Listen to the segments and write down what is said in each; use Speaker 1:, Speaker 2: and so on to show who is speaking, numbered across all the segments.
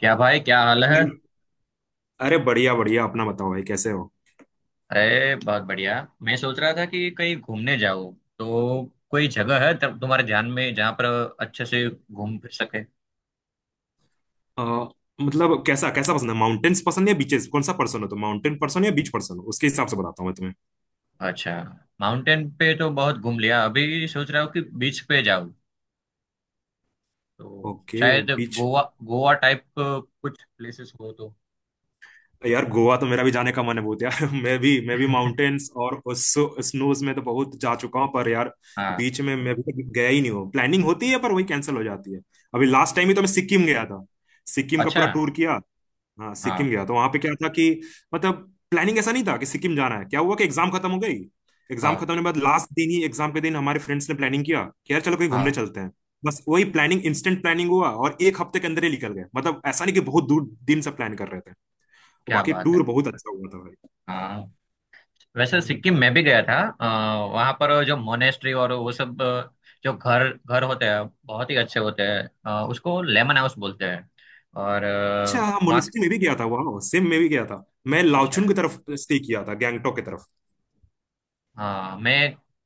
Speaker 1: क्या भाई, क्या हाल
Speaker 2: हेलो
Speaker 1: है।
Speaker 2: भाई। अरे बढ़िया बढ़िया, अपना बताओ भाई, कैसे हो?
Speaker 1: अरे बहुत बढ़िया। मैं सोच रहा था कि कहीं घूमने जाओ, तो कोई जगह है तब तुम्हारे ध्यान में जहाँ पर अच्छे से घूम फिर सके।
Speaker 2: अ, मतलब कैसा कैसा पसंद है, माउंटेन्स पसंद है या बीचेस? कौन सा पर्सन हो, तो माउंटेन पर्सन या बीच पर्सन हो, उसके हिसाब से बताता हूँ मैं तुम्हें।
Speaker 1: अच्छा। माउंटेन पे तो बहुत घूम लिया, अभी सोच रहा हूँ कि बीच पे जाऊँ, तो
Speaker 2: ओके।
Speaker 1: शायद
Speaker 2: बीच।
Speaker 1: गोवा, गोवा टाइप कुछ प्लेसेस हो तो।
Speaker 2: यार गोवा तो मेरा भी जाने का मन है बहुत यार। मैं भी माउंटेन्स और स्नोज में तो बहुत जा चुका हूँ पर यार,
Speaker 1: हाँ।
Speaker 2: बीच में मैं अभी तक गया ही नहीं हूँ। प्लानिंग होती है पर वही कैंसिल हो जाती है। अभी लास्ट टाइम ही तो मैं सिक्किम गया था। सिक्किम का
Speaker 1: अच्छा।
Speaker 2: पूरा टूर किया। हाँ,
Speaker 1: हाँ,
Speaker 2: सिक्किम गया तो वहां पे क्या था कि, मतलब, प्लानिंग ऐसा नहीं था कि सिक्किम जाना है। क्या हुआ कि एग्जाम खत्म हो गई। एग्जाम खत्म
Speaker 1: हाँ,
Speaker 2: होने के बाद लास्ट दिन ही, एग्जाम के दिन, हमारे फ्रेंड्स ने प्लानिंग किया कि यार चलो कहीं घूमने
Speaker 1: हाँ।
Speaker 2: चलते हैं। बस वही प्लानिंग, इंस्टेंट प्लानिंग हुआ और 1 हफ्ते के अंदर ही निकल गए। मतलब ऐसा नहीं कि बहुत दूर दिन से प्लान कर रहे थे। और
Speaker 1: क्या
Speaker 2: बाकी
Speaker 1: बात है।
Speaker 2: टूर बहुत अच्छा हुआ था भाई।
Speaker 1: हाँ। वैसे
Speaker 2: हम्म।
Speaker 1: सिक्किम में भी गया था। वहां पर जो मोनेस्ट्री और वो सब, जो घर घर होते हैं बहुत ही अच्छे होते हैं। उसको लेमन हाउस बोलते हैं। और
Speaker 2: अच्छा हाँ,
Speaker 1: वहाँ।
Speaker 2: मुनिस्ट्री में भी गया था, वाह सिम में भी गया था। मैं
Speaker 1: अच्छा
Speaker 2: लाओचुन
Speaker 1: है।
Speaker 2: की तरफ स्टे किया था, गैंगटोक की तरफ।
Speaker 1: हाँ मैं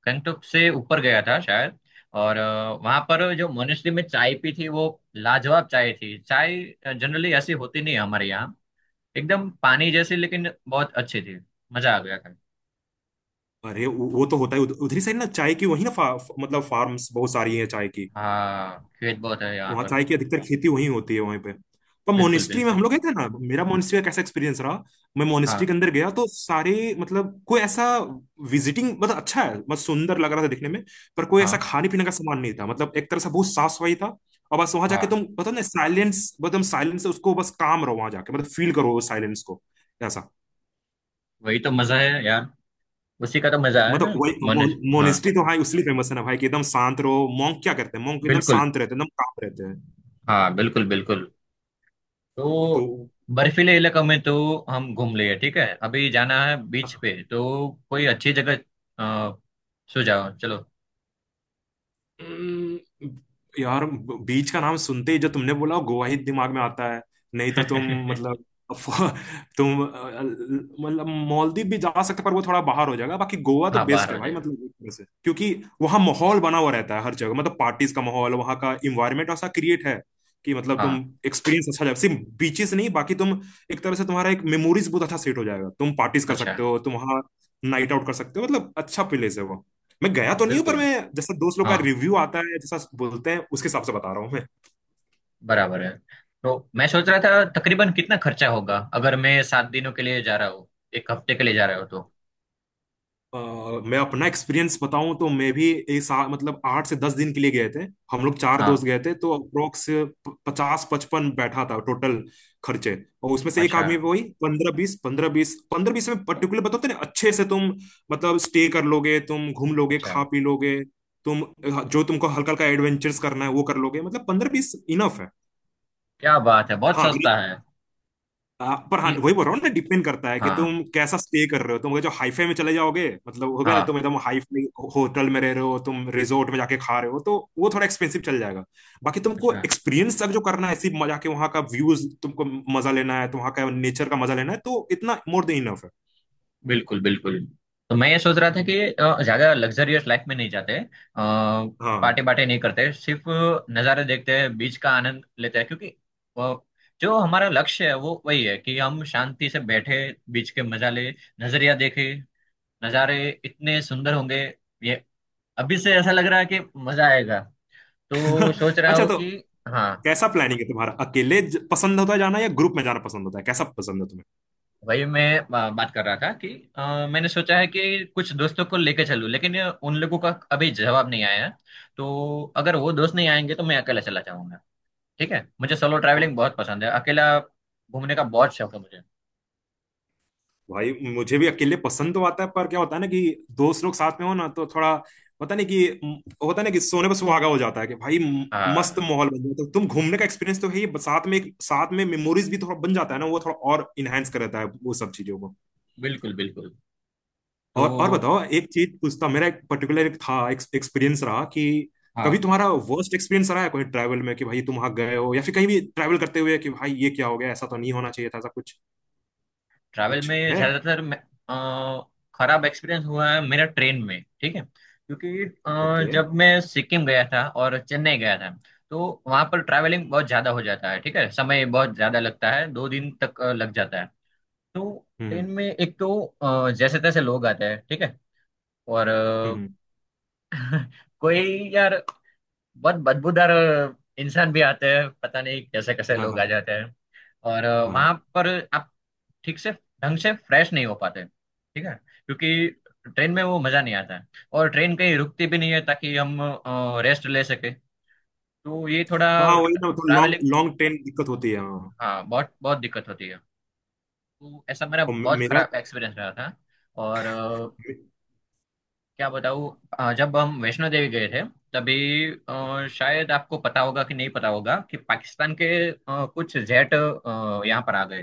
Speaker 1: गंगटोक से ऊपर गया था शायद। और वहां पर जो मोनेस्ट्री में चाय पी थी, वो लाजवाब चाय थी। चाय जनरली ऐसी होती नहीं है हमारे यहाँ, एकदम पानी जैसी, लेकिन बहुत अच्छी थी। मजा आ गया था।
Speaker 2: अरे वो तो होता है उधरी साइड ना, चाय की वही ना, मतलब फार्म्स बहुत सारी है चाय की।
Speaker 1: हाँ, खेत बहुत है यहाँ
Speaker 2: वहाँ
Speaker 1: पर।
Speaker 2: चाय की अधिकतर खेती वहीं होती है, वहीं पे। पर
Speaker 1: बिल्कुल
Speaker 2: मोनिस्ट्री में हम
Speaker 1: बिल्कुल।
Speaker 2: लोग गए थे ना, मेरा मोनिस्ट्री का कैसा एक्सपीरियंस रहा। मैं मोनिस्ट्री
Speaker 1: हाँ,
Speaker 2: के अंदर गया तो सारे, मतलब कोई ऐसा विजिटिंग, मतलब अच्छा है, मतलब सुंदर लग रहा था दिखने में। पर कोई ऐसा
Speaker 1: हाँ,
Speaker 2: खाने पीने का सामान नहीं था, मतलब एक तरह से बहुत साफ सफाई था। और बस वहां जाके तुम
Speaker 1: हाँ।
Speaker 2: मतलब ना, साइलेंस, मतलब साइलेंस से उसको, बस काम रहो वहां जाके, मतलब फील करो साइलेंस को, ऐसा।
Speaker 1: वही तो मजा है यार। उसी का तो मजा है
Speaker 2: मतलब
Speaker 1: ना।
Speaker 2: वही।
Speaker 1: मनुष्य, हाँ।
Speaker 2: मोनिस्ट्री तो हाँ इसलिए फेमस है ना भाई कि एकदम शांत रहो। मॉन्क क्या करते हैं? मॉन्क एकदम
Speaker 1: बिल्कुल।
Speaker 2: शांत रहते हैं, एकदम काम रहते हैं।
Speaker 1: हाँ, बिल्कुल बिल्कुल। तो बर्फीले इलाकों में तो हम घूम लिए, ठीक है। अभी जाना है
Speaker 2: तो
Speaker 1: बीच पे, तो कोई अच्छी जगह। अ, सो जाओ चलो।
Speaker 2: हम्म, यार, बीच का नाम सुनते ही जो तुमने बोला, गोवा ही दिमाग में आता है। नहीं तो तुम मतलब, अफ- तुम मतलब मालदीव भी जा सकते, पर वो थोड़ा बाहर हो जाएगा। बाकी गोवा तो
Speaker 1: हाँ, बाहर
Speaker 2: बेस्ट
Speaker 1: हो
Speaker 2: है भाई,
Speaker 1: जाएगा।
Speaker 2: मतलब एक तरह से क्योंकि वहाँ माहौल बना हुआ रहता है हर जगह, मतलब पार्टीज का माहौल, वहाँ का इन्वायरमेंट ऐसा क्रिएट है कि मतलब तुम
Speaker 1: हाँ,
Speaker 2: एक्सपीरियंस अच्छा जाएगा, सिर्फ बीचेस नहीं। बाकी तुम एक तरह से तुम्हारा एक मेमोरीज बहुत अच्छा सेट हो जाएगा, तुम पार्टीज कर
Speaker 1: अच्छा।
Speaker 2: सकते हो, तुम वहाँ नाइट आउट कर सकते हो, मतलब अच्छा प्लेस है वो। मैं गया तो नहीं हूँ पर
Speaker 1: बिल्कुल।
Speaker 2: मैं जैसा दोस्त लोग का
Speaker 1: हाँ,
Speaker 2: रिव्यू आता है, जैसा बोलते हैं, उसके हिसाब से बता रहा हूँ मैं।
Speaker 1: बराबर है। तो मैं सोच रहा था तकरीबन कितना खर्चा होगा अगर मैं 7 दिनों के लिए जा रहा हूँ, एक हफ्ते के लिए जा रहा हूँ तो।
Speaker 2: अ, मैं अपना एक्सपीरियंस बताऊं तो मैं भी एक साल, मतलब 8 से 10 दिन के लिए गए थे। हम लोग चार
Speaker 1: हाँ,
Speaker 2: दोस्त गए थे तो अप्रोक्स 50-55 बैठा था टोटल खर्चे। और उसमें से एक
Speaker 1: अच्छा।
Speaker 2: आदमी पे वही 15-20, 15-20, 15-20 में पर्टिकुलर बताते ना, अच्छे से तुम मतलब स्टे कर लोगे, तुम घूम लोगे,
Speaker 1: अच्छा।
Speaker 2: खा पी लोगे। तुम जो तुमको हल्का हल्का एडवेंचर्स करना है वो कर लोगे, मतलब 15-20 इनफ है।
Speaker 1: क्या बात है, बहुत
Speaker 2: हाँ
Speaker 1: सस्ता
Speaker 2: मतलब
Speaker 1: है
Speaker 2: पर हाँ
Speaker 1: ये।
Speaker 2: वही बोल रहा हूँ ना, डिपेंड करता है कि
Speaker 1: हाँ,
Speaker 2: तुम कैसा स्टे कर रहे हो। तुम अगर जो हाईफाई में चले जाओगे, मतलब हो गया ना,
Speaker 1: हाँ,
Speaker 2: तुम एकदम हाईफाई होटल में रह रहे हो, तुम रिजोर्ट में जाके खा रहे हो तो वो थोड़ा एक्सपेंसिव चल जाएगा। बाकी तुमको
Speaker 1: अच्छा।
Speaker 2: एक्सपीरियंस तक जो करना है, सिर्फ मजा के वहाँ का व्यूज तुमको मजा लेना है, तो वहाँ का नेचर का मजा लेना है, तो इतना मोर देन इनफ है।
Speaker 1: बिल्कुल बिल्कुल। तो मैं ये सोच रहा था
Speaker 2: हम्म।
Speaker 1: कि ज्यादा लग्जरियस लाइफ में नहीं जाते,
Speaker 2: हाँ।
Speaker 1: पार्टी बाटे नहीं करते, सिर्फ नज़ारे देखते हैं, बीच का आनंद लेते हैं। क्योंकि अ, जो हमारा लक्ष्य है वो वही है कि हम शांति से बैठे, बीच के मजा ले, नजरिया देखे। नज़ारे इतने सुंदर होंगे, ये अभी से ऐसा लग रहा है कि मजा आएगा। तो सोच रहा
Speaker 2: अच्छा
Speaker 1: हूँ
Speaker 2: तो
Speaker 1: कि। हाँ,
Speaker 2: कैसा प्लानिंग है तुम्हारा, अकेले पसंद होता है जाना या ग्रुप में जाना पसंद होता है, कैसा पसंद है तुम्हें?
Speaker 1: वही मैं बात कर रहा था कि मैंने सोचा है कि कुछ दोस्तों को लेके चलूं, लेकिन उन लोगों का अभी जवाब नहीं आया है। तो अगर वो दोस्त नहीं आएंगे तो मैं अकेला चला जाऊंगा। ठीक है, मुझे सोलो ट्रैवलिंग बहुत पसंद है, अकेला घूमने का बहुत शौक है मुझे।
Speaker 2: भाई मुझे भी अकेले पसंद तो आता है, पर क्या होता है ना कि दोस्त लोग साथ में हो ना तो थोड़ा पता नहीं कि होता है ना कि सोने पर सुहागा हो जाता है कि भाई, मस्त
Speaker 1: हाँ,
Speaker 2: माहौल बन जाता है, तुम घूमने का एक्सपीरियंस तो है ही, साथ में एक साथ में मेमोरीज भी थोड़ा बन जाता है ना, वो थोड़ा और इनहेंस कर देता है वो सब चीजों को।
Speaker 1: बिल्कुल बिल्कुल। तो
Speaker 2: और बताओ, एक चीज पूछता, मेरा एक पर्टिकुलर एक था एक्सपीरियंस रहा कि, कभी
Speaker 1: हाँ,
Speaker 2: तुम्हारा वर्स्ट एक्सपीरियंस रहा है कोई ट्रैवल में कि भाई तुम वहां गए हो, या फिर कहीं भी ट्रैवल करते हुए कि भाई ये क्या हो गया, ऐसा तो नहीं होना चाहिए था, ऐसा कुछ
Speaker 1: ट्रैवल
Speaker 2: कुछ
Speaker 1: में
Speaker 2: है?
Speaker 1: ज्यादातर अ, खराब एक्सपीरियंस हुआ है मेरा ट्रेन में, ठीक है। क्योंकि
Speaker 2: ओके।
Speaker 1: जब मैं सिक्किम गया था और चेन्नई गया था, तो वहां पर ट्रैवलिंग बहुत ज्यादा हो जाता है, ठीक है। समय बहुत ज्यादा लगता है, 2 दिन तक लग जाता है। तो ट्रेन
Speaker 2: हम्म।
Speaker 1: में एक तो जैसे तैसे लोग आते हैं, ठीक है। और
Speaker 2: हम्म। हम्म।
Speaker 1: कोई, यार, बहुत बदबूदार इंसान भी आते हैं, पता नहीं कैसे कैसे
Speaker 2: हाँ,
Speaker 1: लोग आ
Speaker 2: हाँ।
Speaker 1: जाते हैं। और
Speaker 2: हाँ, हाँ।
Speaker 1: वहां पर आप ठीक से ढंग से फ्रेश नहीं हो पाते, ठीक है। क्योंकि ट्रेन में वो मजा नहीं आता है। और ट्रेन कहीं रुकती भी नहीं है ताकि हम रेस्ट ले सके। तो ये थोड़ा
Speaker 2: हाँ, वही ना तो लॉन्ग
Speaker 1: ट्रैवलिंग,
Speaker 2: लॉन्ग ट्रेन दिक्कत होती है हाँ।
Speaker 1: हाँ बहुत बहुत दिक्कत होती है। तो ऐसा मेरा
Speaker 2: और
Speaker 1: बहुत
Speaker 2: मेरा।
Speaker 1: खराब एक्सपीरियंस रहा था। और क्या बताऊँ। जब हम वैष्णो देवी गए थे तभी, शायद आपको पता होगा कि नहीं, पता होगा कि पाकिस्तान के कुछ जेट यहाँ पर आ गए।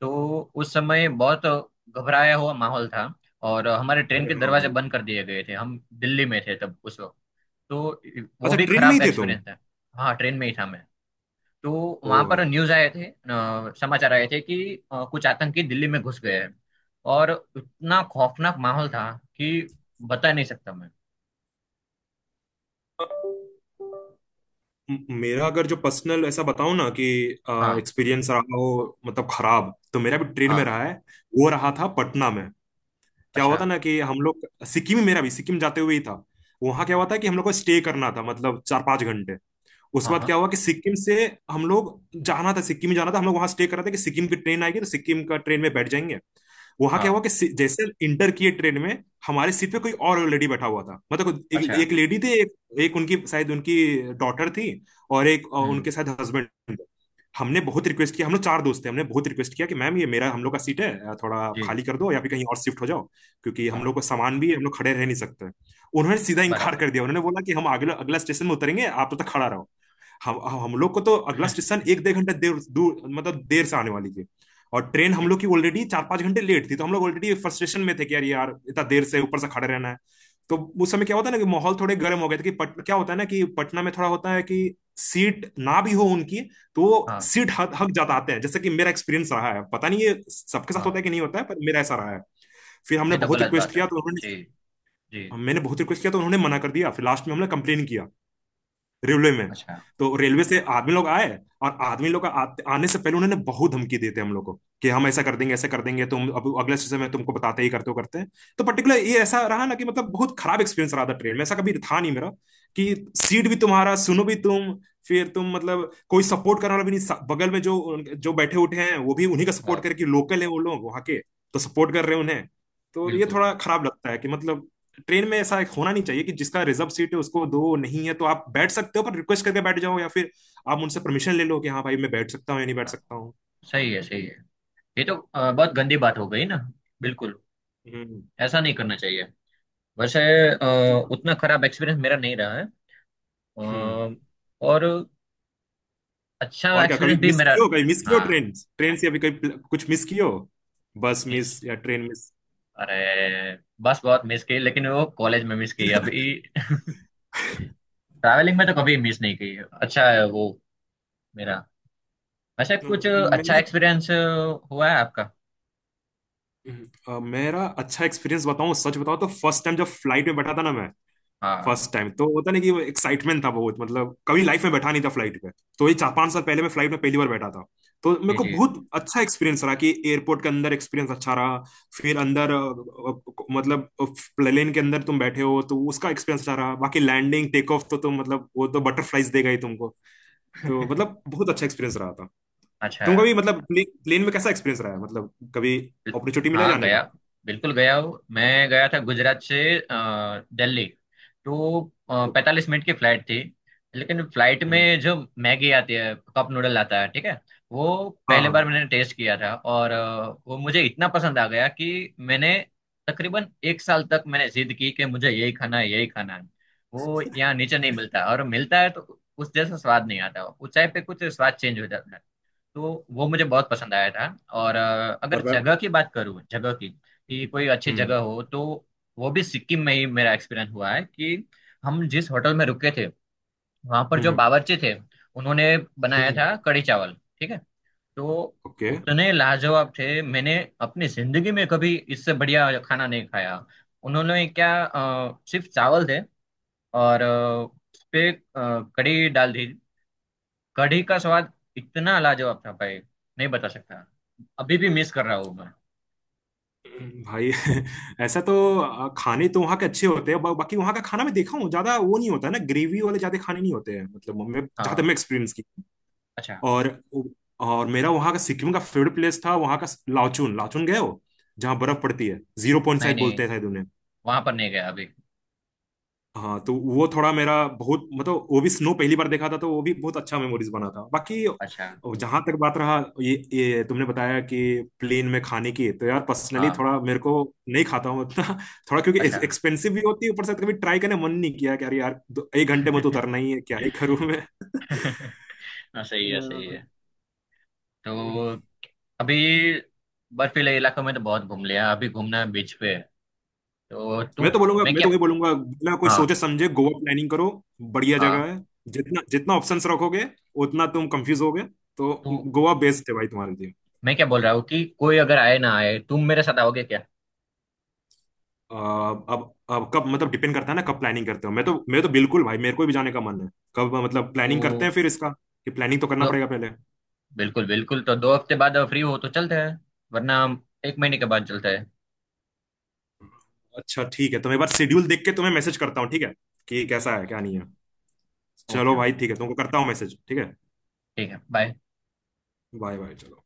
Speaker 1: तो उस समय बहुत घबराया हुआ माहौल था। और हमारे ट्रेन
Speaker 2: अरे
Speaker 1: के
Speaker 2: हाँ
Speaker 1: दरवाजे
Speaker 2: भाई।
Speaker 1: बंद कर दिए गए थे, हम दिल्ली में थे तब उस वक्त। तो वो
Speaker 2: अच्छा,
Speaker 1: भी
Speaker 2: ट्रेन में
Speaker 1: खराब
Speaker 2: ही थे तुम?
Speaker 1: एक्सपीरियंस था। हाँ, ट्रेन में ही था मैं। तो वहां
Speaker 2: ओ
Speaker 1: पर
Speaker 2: भाई।
Speaker 1: न्यूज आए थे, समाचार आए थे कि कुछ आतंकी दिल्ली में घुस गए हैं। और इतना खौफनाक माहौल था कि बता नहीं सकता मैं।
Speaker 2: मेरा अगर जो पर्सनल ऐसा बताऊं ना कि
Speaker 1: हाँ,
Speaker 2: एक्सपीरियंस रहा हो मतलब खराब, तो मेरा भी ट्रेन में
Speaker 1: हाँ।
Speaker 2: रहा है। वो रहा था पटना में। क्या हुआ
Speaker 1: अच्छा।
Speaker 2: था ना कि हम लोग सिक्किम ही, मेरा भी सिक्किम जाते हुए ही था। वहां क्या हुआ था कि हम लोग को स्टे करना था, मतलब 4-5 घंटे। उसके
Speaker 1: हाँ,
Speaker 2: बाद
Speaker 1: हाँ,
Speaker 2: क्या हुआ कि सिक्किम से हम लोग जाना था, सिक्किम ही जाना था। हम लोग वहां स्टे कर रहे थे कि सिक्किम की ट्रेन आएगी तो सिक्किम का ट्रेन में बैठ जाएंगे। वहां क्या
Speaker 1: हाँ।
Speaker 2: हुआ कि जैसे इंटर किए ट्रेन में, हमारे सीट पे
Speaker 1: हम्म,
Speaker 2: कोई और लेडी बैठा हुआ था, मतलब एक,
Speaker 1: अच्छा।
Speaker 2: एक लेडी थी, एक, एक उनकी शायद, उनकी डॉटर थी। और एक
Speaker 1: हम्म।
Speaker 2: उनके शायद हस्बैंड थे। हमने बहुत रिक्वेस्ट किया, हम लोग चार दोस्त थे, हमने बहुत रिक्वेस्ट किया कि मैम, ये मेरा हम लोग का सीट है, थोड़ा
Speaker 1: जी।
Speaker 2: खाली कर दो या फिर कहीं और शिफ्ट हो जाओ। क्योंकि हम
Speaker 1: हाँ,
Speaker 2: लोग को सामान भी है, हम लोग खड़े रह नहीं सकते। उन्होंने सीधा इनकार
Speaker 1: बराबर।
Speaker 2: कर दिया, उन्होंने बोला कि हम अगला अगला स्टेशन में उतरेंगे, आप तब तक खड़ा रहो। हम लोग को तो अगला स्टेशन एक डेढ़ घंटे देर दूर, मतलब देर से आने वाली थी। और ट्रेन हम लोग की ऑलरेडी 4-5 घंटे लेट थी, तो हम लोग ऑलरेडी फ्रस्ट्रेशन में थे कि यार यार इतना देर से ऊपर से खड़े रहना है। तो उस समय क्या होता है ना कि माहौल थोड़े गर्म हो गए थे कि क्या होता है ना कि पटना में थोड़ा होता है कि सीट ना भी हो उनकी। तो वो
Speaker 1: हाँ,
Speaker 2: सीट हक हक जाता आते हैं, जैसे कि मेरा एक्सपीरियंस रहा है, पता नहीं ये सबके साथ होता है
Speaker 1: हाँ।
Speaker 2: कि नहीं होता है पर मेरा ऐसा रहा है। फिर हमने
Speaker 1: ये तो
Speaker 2: बहुत
Speaker 1: गलत
Speaker 2: रिक्वेस्ट
Speaker 1: बात है।
Speaker 2: किया तो उन्होंने,
Speaker 1: जी, जी।
Speaker 2: मैंने बहुत रिक्वेस्ट किया तो उन्होंने मना कर दिया। फिर लास्ट में हमने कंप्लेन किया रेलवे में।
Speaker 1: अच्छा।
Speaker 2: तो रेलवे से आदमी लोग आए। और आदमी लोग आने से पहले उन्होंने बहुत धमकी देते हम लोग को, कि हम ऐसा कर देंगे, ऐसा कर देंगे तुम, अब अगले स्टेशन में तुमको बताते ही करते हो, करते हैं। तो पर्टिकुलर ये ऐसा रहा ना कि, मतलब बहुत खराब एक्सपीरियंस रहा था। ट्रेन में ऐसा कभी था नहीं मेरा कि, सीट भी तुम्हारा, सुनो भी तुम, फिर तुम मतलब कोई सपोर्ट करने वाला भी नहीं, बगल में जो जो बैठे उठे हैं वो भी उन्हीं का सपोर्ट
Speaker 1: हाँ,
Speaker 2: करके, लोकल है वो लोग वहां के। तो सपोर्ट कर रहे हैं उन्हें। तो ये
Speaker 1: बिल्कुल।
Speaker 2: थोड़ा खराब लगता है कि, मतलब ट्रेन में ऐसा होना नहीं चाहिए कि, जिसका रिजर्व सीट है उसको दो, नहीं है तो आप बैठ सकते हो पर रिक्वेस्ट करके बैठ जाओ, या फिर आप उनसे परमिशन ले लो कि हाँ भाई मैं बैठ सकता हूँ या नहीं बैठ
Speaker 1: हाँ,
Speaker 2: सकता हूँ।
Speaker 1: सही है, सही है। ये तो बहुत गंदी बात हो गई ना। बिल्कुल।
Speaker 2: हम्म।
Speaker 1: ऐसा नहीं करना चाहिए। वैसे
Speaker 2: तो-
Speaker 1: उतना खराब एक्सपीरियंस मेरा नहीं रहा है।
Speaker 2: हम्म।
Speaker 1: अ, और अच्छा
Speaker 2: और क्या कभी
Speaker 1: एक्सपीरियंस भी
Speaker 2: मिस
Speaker 1: मेरा।
Speaker 2: किए हो, कभी मिस किए हो
Speaker 1: हाँ।
Speaker 2: ट्रेन, ट्रेन से अभी कभी कुछ मिस किए हो, बस
Speaker 1: मिस।
Speaker 2: मिस या ट्रेन मिस?
Speaker 1: अरे, बस बहुत मिस की, लेकिन वो कॉलेज में मिस की अभी। ट्रैवलिंग में तो कभी मिस नहीं की, अच्छा है वो। मेरा वैसे कुछ अच्छा
Speaker 2: मैंने
Speaker 1: एक्सपीरियंस हुआ है आपका।
Speaker 2: मेरा अच्छा एक्सपीरियंस बताऊं, सच बताऊं तो फर्स्ट टाइम जब फ्लाइट में बैठा था ना मैं,
Speaker 1: हाँ,
Speaker 2: फर्स्ट टाइम तो होता नहीं कि, वो एक्साइटमेंट था बहुत, मतलब कभी लाइफ में बैठा नहीं था फ्लाइट पे। तो ये 4-5 साल पहले मैं फ्लाइट में पहली बार बैठा था। तो मेरे
Speaker 1: जी,
Speaker 2: को
Speaker 1: जी।
Speaker 2: बहुत अच्छा एक्सपीरियंस रहा कि एयरपोर्ट के अंदर एक्सपीरियंस अच्छा रहा। फिर अंदर अ, मतलब प्लेन के अंदर तुम बैठे हो तो उसका एक्सपीरियंस अच्छा रहा। बाकी लैंडिंग टेक ऑफ तो तुम मतलब, वो तो बटरफ्लाइज देगा ही तुमको। तो मतलब बहुत अच्छा एक्सपीरियंस रहा था।
Speaker 1: अच्छा।
Speaker 2: तुमका भी मतलब प्लेन में कैसा एक्सपीरियंस रहा है, मतलब कभी
Speaker 1: बिल-
Speaker 2: अपॉर्चुनिटी मिला
Speaker 1: हाँ,
Speaker 2: जाने
Speaker 1: गया।
Speaker 2: का?
Speaker 1: बिल्कुल गया हूँ मैं। गया था गुजरात से दिल्ली। तो
Speaker 2: ओ।
Speaker 1: 45 मिनट की फ्लाइट थी। लेकिन फ्लाइट
Speaker 2: हम्म,
Speaker 1: में जो मैगी आती है, कप नूडल आता है, ठीक है। वो
Speaker 2: हाँ
Speaker 1: पहली बार
Speaker 2: हाँ।
Speaker 1: मैंने टेस्ट किया था, और वो मुझे इतना पसंद आ गया कि मैंने तकरीबन एक साल तक मैंने जिद की कि मुझे यही खाना है, यही खाना है। वो यहाँ नीचे नहीं मिलता, और मिलता है तो उस जैसा स्वाद नहीं आता। ऊंचाई पे कुछ स्वाद चेंज हो जाता है। तो वो मुझे बहुत पसंद आया था। और अगर
Speaker 2: पर पर-
Speaker 1: जगह की बात करूँ, जगह की कि कोई अच्छी जगह
Speaker 2: हम्म।
Speaker 1: हो, तो वो भी सिक्किम में ही मेरा एक्सपीरियंस हुआ है कि हम जिस होटल में रुके थे, वहां पर जो
Speaker 2: हम्म।
Speaker 1: बावर्ची थे, उन्होंने बनाया
Speaker 2: हम्म।
Speaker 1: था कढ़ी चावल, ठीक है। तो
Speaker 2: ओके।
Speaker 1: उतने लाजवाब थे, मैंने अपनी जिंदगी में कभी इससे बढ़िया खाना नहीं खाया। उन्होंने क्या, सिर्फ चावल थे, और उस पे कढ़ी डाल दी। कढ़ी का स्वाद इतना लाजवाब था भाई, नहीं बता सकता। अभी भी मिस कर रहा हूँ मैं।
Speaker 2: भाई, ऐसा तो, खाने तो वहाँ के अच्छे होते हैं, बाकी वहाँ का खाना मैं देखा हूँ, ज्यादा वो नहीं होता है ना, ग्रेवी वाले ज्यादा खाने नहीं होते हैं, मतलब मैं जहाँ तक
Speaker 1: हाँ।
Speaker 2: मैं एक्सपीरियंस की।
Speaker 1: अच्छा।
Speaker 2: और और मेरा वहाँ का सिक्किम का फेवरेट प्लेस था वहाँ का लाचुन। लाचुन गए हो? जहाँ बर्फ पड़ती है, जीरो पॉइंट
Speaker 1: नहीं
Speaker 2: शायद बोलते
Speaker 1: नहीं,
Speaker 2: हैं शायद।
Speaker 1: वहां पर नहीं गया अभी।
Speaker 2: हाँ तो वो थोड़ा मेरा बहुत, मतलब वो भी स्नो पहली बार देखा था तो वो भी बहुत अच्छा मेमोरीज बना था। बाकी
Speaker 1: अच्छा।
Speaker 2: जहां तक बात रहा, ये तुमने बताया कि प्लेन में खाने की, तो यार पर्सनली
Speaker 1: हाँ,
Speaker 2: थोड़ा मेरे को नहीं खाता हूँ उतना। थोड़ा क्योंकि
Speaker 1: अच्छा।
Speaker 2: एक्सपेंसिव भी होती है, ऊपर से कभी ट्राई करने मन नहीं किया कि अरे यार एक घंटे में तो उतरना ही है, क्या ही करूँ मैं।
Speaker 1: हाँ, सही है, सही
Speaker 2: अ,
Speaker 1: है। तो अभी बर्फीले इलाकों में तो बहुत घूम लिया, अभी घूमना है बीच पे। तो तुम।
Speaker 2: मैं तो बोलूंगा,
Speaker 1: मैं
Speaker 2: मैं
Speaker 1: क्या।
Speaker 2: तो वही बोलूंगा, बिना कोई सोचे
Speaker 1: हाँ,
Speaker 2: समझे गोवा प्लानिंग करो। बढ़िया जगह
Speaker 1: हाँ।
Speaker 2: है। जितना जितना ऑप्शंस रखोगे उतना तुम कंफ्यूज होगे, तो
Speaker 1: तो
Speaker 2: गोवा बेस्ट है भाई तुम्हारे लिए।
Speaker 1: मैं क्या बोल रहा हूँ कि कोई अगर आए ना आए, तुम मेरे साथ आओगे क्या।
Speaker 2: अब कब, मतलब डिपेंड करता है ना कब प्लानिंग करते हो। मैं तो बिल्कुल भाई मेरे को भी जाने का मन है। कब मतलब प्लानिंग करते हैं
Speaker 1: तो
Speaker 2: फिर इसका, कि प्लानिंग तो करना
Speaker 1: दो
Speaker 2: पड़ेगा पहले।
Speaker 1: बिल्कुल बिल्कुल। तो 2 हफ्ते बाद फ्री हो तो चलते हैं, वरना हम एक महीने के बाद चलते हैं।
Speaker 2: अच्छा ठीक है तो मैं एक बार शेड्यूल देख के तुम्हें मैसेज करता हूँ, ठीक है, कि
Speaker 1: ठीक
Speaker 2: कैसा
Speaker 1: है,
Speaker 2: है क्या
Speaker 1: ठीक
Speaker 2: नहीं है।
Speaker 1: है। ओके,
Speaker 2: चलो
Speaker 1: ओके।
Speaker 2: भाई ठीक है, तुमको करता हूँ मैसेज, ठीक है।
Speaker 1: ठीक है, बाय।
Speaker 2: बाय बाय चलो।